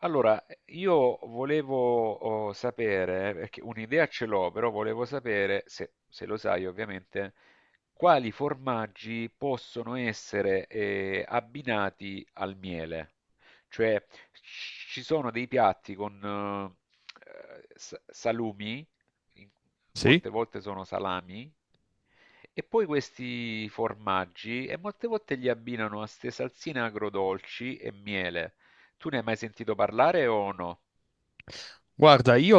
Allora, io volevo sapere, perché un'idea ce l'ho, però volevo sapere, se lo sai ovviamente, quali formaggi possono essere abbinati al miele. Cioè, ci sono dei piatti con salumi, in- molte Sì, volte sono salami, e poi questi formaggi, e molte volte li abbinano a ste salsine agrodolci e miele. Tu ne hai mai sentito parlare o no? guarda, io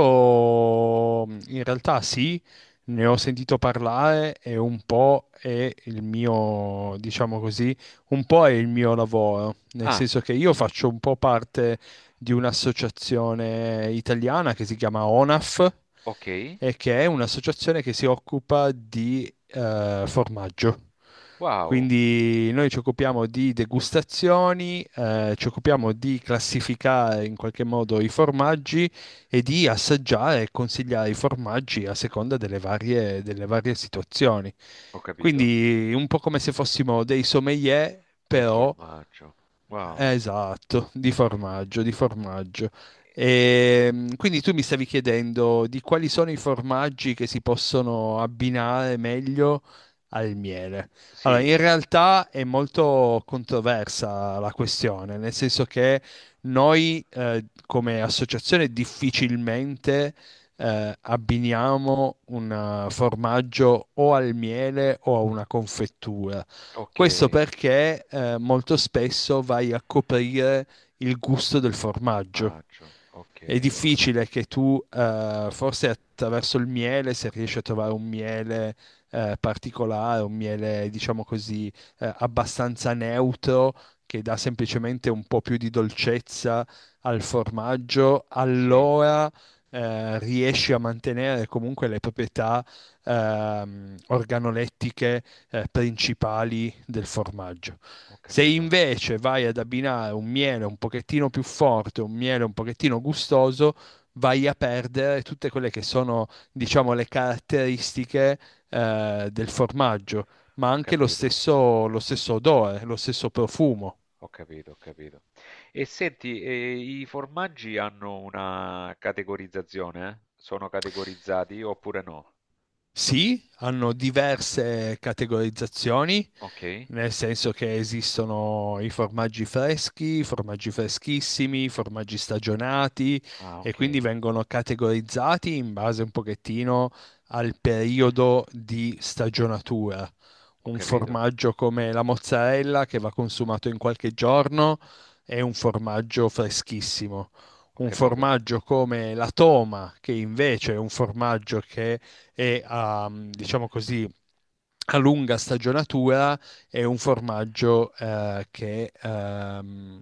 in realtà sì, ne ho sentito parlare e un po' è il mio, diciamo così, un po' è il mio lavoro, nel Ah, senso che io faccio un po' parte di un'associazione italiana che si chiama ONAF ok. e che è un'associazione che si occupa di formaggio. Wow, Quindi noi ci occupiamo di degustazioni, ci occupiamo di classificare in qualche modo i formaggi e di assaggiare e consigliare i formaggi a seconda delle varie situazioni. ho capito. Quindi un po' come se fossimo dei sommelier, Del però. formaggio. Wow. Esatto, di formaggio, di formaggio. Eh, Quindi tu mi stavi chiedendo di quali sono i formaggi che si possono abbinare meglio al miele. Allora, sì, in realtà è molto controversa la questione, nel senso che noi come associazione difficilmente abbiniamo un formaggio o al miele o a una confettura. ok. Questo perché molto spesso vai a coprire il gusto del formaggio. Formaggio, È ok. difficile che tu, forse attraverso il miele, se riesci a trovare un miele particolare, un miele, diciamo così, abbastanza neutro, che dà semplicemente un po' più di dolcezza al formaggio, Sì, allora riesci a mantenere comunque le proprietà organolettiche principali del formaggio. ho Se capito, invece vai ad abbinare un miele un pochettino più forte, un miele un pochettino gustoso, vai a perdere tutte quelle che sono, diciamo, le caratteristiche del formaggio, ma ho anche lo capito, stesso, lo stesso odore, lo stesso profumo. ho capito, ho capito. E senti, i formaggi hanno una categorizzazione, eh? Sono categorizzati oppure no? Sì, hanno diverse categorizzazioni, Ok. nel senso che esistono i formaggi freschi, i formaggi freschissimi, i formaggi stagionati Ah, e ok. quindi vengono categorizzati in base un pochettino al periodo di stagionatura. Ho Un capito, formaggio come la mozzarella che va consumato in qualche giorno è un formaggio freschissimo. ho Un capito, formaggio come la toma, che invece è un formaggio che è a, diciamo così, a lunga stagionatura, è un formaggio che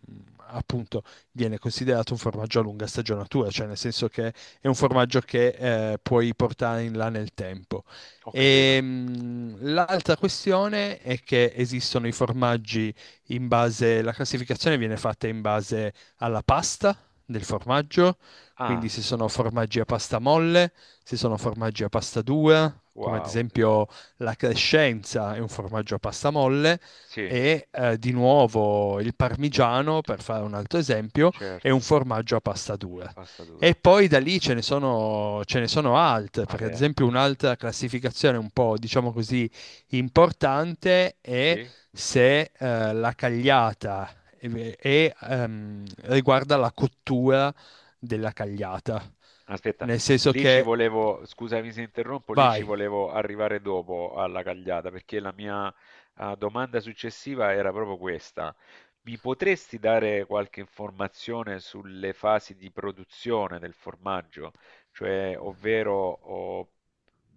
appunto viene considerato un formaggio a lunga stagionatura, cioè nel senso che è un formaggio che puoi portare in là nel tempo. ho E, capito. mh, l'altra questione è che esistono i formaggi in base, la classificazione viene fatta in base alla pasta del formaggio, quindi Ah, se sono formaggi a pasta molle, se sono formaggi a pasta dura, come ad wow. esempio la crescenza è un formaggio a pasta molle Sì, e di nuovo il parmigiano, per fare un altro esempio, è un certo, formaggio a pasta a dura. pasta E dura. poi da lì ce ne sono altre, perché ad Vabbè, esempio un'altra classificazione un po', diciamo così, importante è sì? se la cagliata riguarda la cottura della cagliata. Aspetta, Nel senso lì ci che, volevo, scusami se interrompo, lì ci Vai. volevo arrivare dopo alla cagliata, perché la mia domanda successiva era proprio questa. Mi potresti dare qualche informazione sulle fasi di produzione del formaggio? Cioè, ovvero o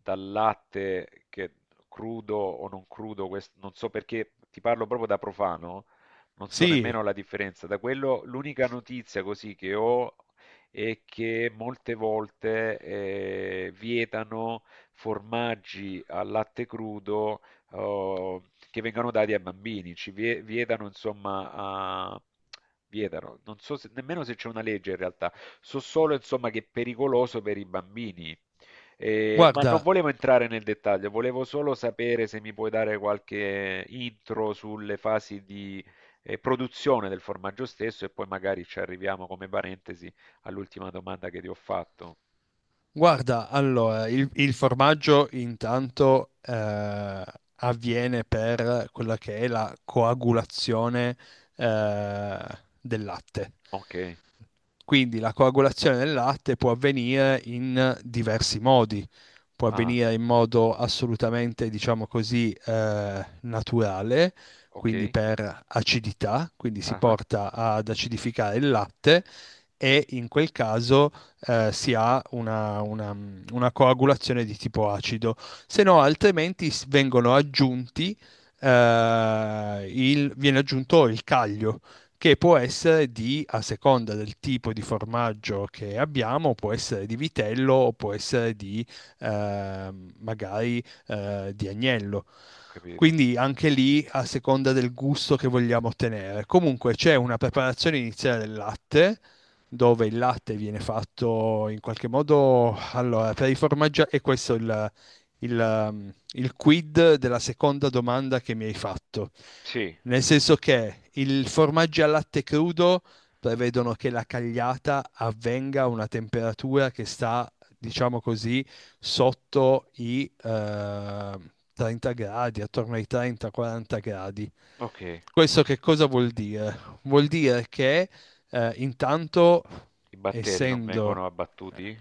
dal latte che crudo o non crudo, non so perché ti parlo proprio da profano, non so Sì, nemmeno la differenza. Da quello, l'unica notizia così che ho e che molte volte vietano formaggi al latte crudo eh, che vengano dati ai bambini, ci vietano insomma a... Vietano. Non so nemmeno se c'è una legge in realtà, so solo insomma che è pericoloso per i bambini, ma non guarda, volevo entrare nel dettaglio, volevo solo sapere se mi puoi dare qualche intro sulle fasi di produzione del formaggio stesso e poi magari ci arriviamo come parentesi all'ultima domanda che ti ho fatto. Guarda, allora, il formaggio intanto avviene per quella che è la coagulazione del latte. Ok, Quindi la coagulazione del latte può avvenire in diversi modi, può ah, avvenire in modo assolutamente, diciamo così, naturale, ok, quindi per acidità, quindi si ah, ah, porta ad acidificare il latte e in quel caso si ha una coagulazione di tipo acido, se no altrimenti viene aggiunto il caglio che può essere di, a seconda del tipo di formaggio che abbiamo, può essere di vitello o può essere di eh, magari di agnello. ho capito. Quindi anche lì a seconda del gusto che vogliamo ottenere. Comunque c'è una preparazione iniziale del latte dove il latte viene fatto in qualche modo, allora, per i formaggi e questo è il quid della seconda domanda che mi hai fatto. Sì, Nel senso che il formaggio al latte crudo prevedono che la cagliata avvenga a una temperatura che sta, diciamo così, sotto i 30 gradi, attorno ai 30-40 gradi. ok, Questo che cosa vuol dire? Vuol dire che intanto, i batteri non essendo. vengono abbattuti?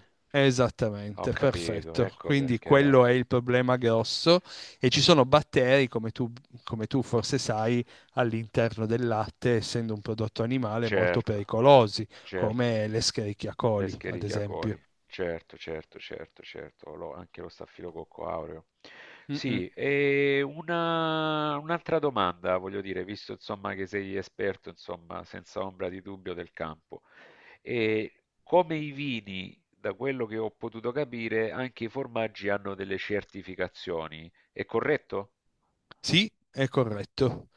Ho Esattamente, capito, perfetto. ecco Quindi perché. quello è il problema grosso e ci sono batteri, come tu forse sai, all'interno del latte, essendo un prodotto animale, molto Certo, pericolosi, certo. come l'Escherichia coli, ad L'escherichia esempio. coli. Certo, certo, certo, certo, anche lo staffilococco aureo. Mm-mm. Sì, e un'altra domanda, voglio dire, visto insomma che sei esperto, insomma, senza ombra di dubbio del campo. E come i vini, da quello che ho potuto capire, anche i formaggi hanno delle certificazioni, è corretto? Sì, è corretto.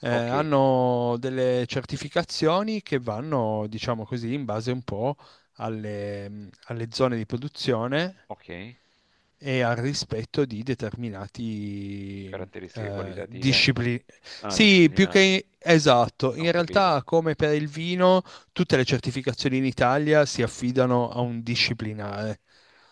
Eh, Ok, hanno delle certificazioni che vanno, diciamo così, in base un po' alle zone di produzione ok, e al rispetto di determinati caratteristiche qualitative, eh? discipline. Ah, Sì, più disciplinari, che esatto, ho in capito, realtà come per il vino, tutte le certificazioni in Italia si affidano a un disciplinare.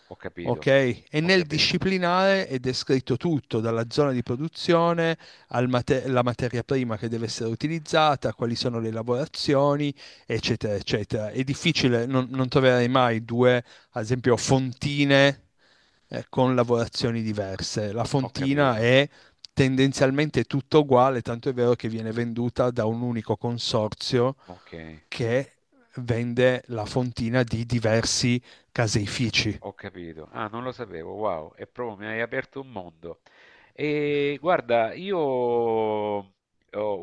ho Ok? capito, E ho nel capito, disciplinare è descritto tutto, dalla zona di produzione alla materia prima che deve essere utilizzata, quali sono le lavorazioni, eccetera, eccetera. È difficile, non troverai mai due, ad esempio, fontine con lavorazioni diverse. La ho fontina capito. è tendenzialmente tutto uguale, tanto è vero che viene venduta da un unico consorzio Okay, che vende la fontina di diversi caseifici. ho capito. Ah, non lo sapevo, wow, è proprio mi hai aperto un mondo. E guarda, io ho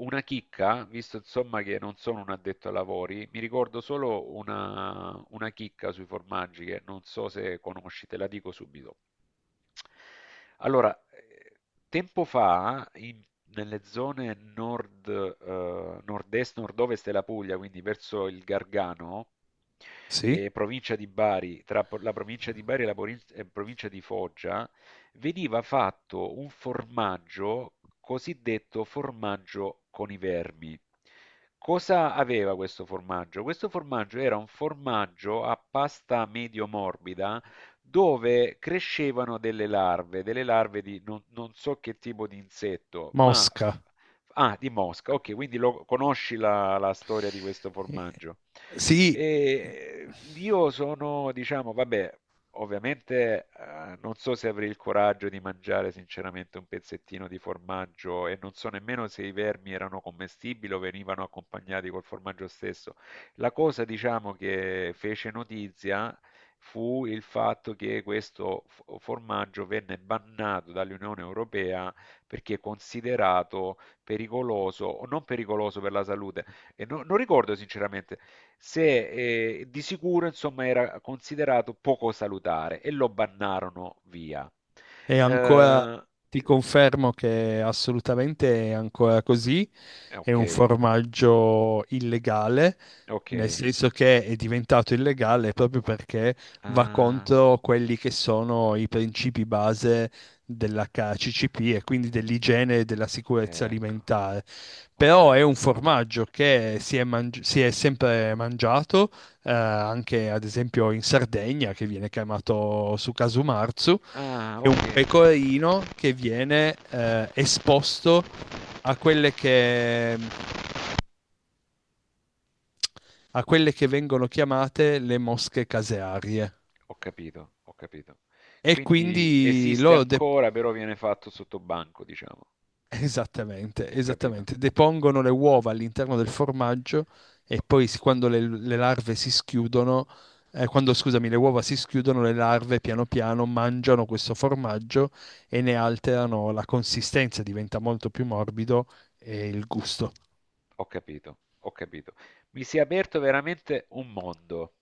una chicca, visto insomma che non sono un addetto ai lavori, mi ricordo solo una chicca sui formaggi che non so se conosci, te la dico subito. Allora, tempo fa in nelle zone nord, nord-est, nord-ovest della Puglia, quindi verso il Gargano, Sì? e provincia di Bari, tra la provincia di Bari e la e provincia di Foggia, veniva fatto un formaggio cosiddetto formaggio con i vermi. Cosa aveva questo formaggio? Questo formaggio era un formaggio a pasta medio morbida dove crescevano delle larve di non, non so che tipo di insetto, ma... f- Mosca. Ah, di mosca, ok, quindi conosci la, la storia di questo Eh, formaggio. Sì, E io sono, diciamo, vabbè, ovviamente non so se avrei il coraggio di mangiare sinceramente un pezzettino di formaggio e non so nemmeno se i vermi erano commestibili o venivano accompagnati col formaggio stesso. La cosa, diciamo, che fece notizia fu il fatto che questo formaggio venne bannato dall'Unione Europea perché considerato pericoloso o non pericoloso per la salute. E non ricordo sinceramente se di sicuro insomma era considerato poco salutare e lo bannarono via. è ancora, Eh, ti confermo che assolutamente è ancora così, è un ok, formaggio illegale. ok. Nel senso che è diventato illegale proprio perché va Ah, contro quelli che sono i principi base dell'HACCP e quindi dell'igiene e della sicurezza ecco, alimentare. Però ok. è un formaggio che si è sempre mangiato, anche ad esempio in Sardegna, che viene chiamato su casumarzu, Ah, è ok. un pecorino che viene esposto a quelle che a quelle che vengono chiamate le mosche casearie. Ho capito, ho capito. E Quindi quindi esiste loro de- ancora, però viene fatto sotto banco, diciamo. Esattamente, Ho capito, esattamente, depongono le uova all'interno del formaggio e poi quando le larve si schiudono, quando, scusami, le uova si schiudono, le larve piano piano mangiano questo formaggio e ne alterano la consistenza, diventa molto più morbido e il gusto. ho capito, ho capito. Mi si è aperto veramente un mondo.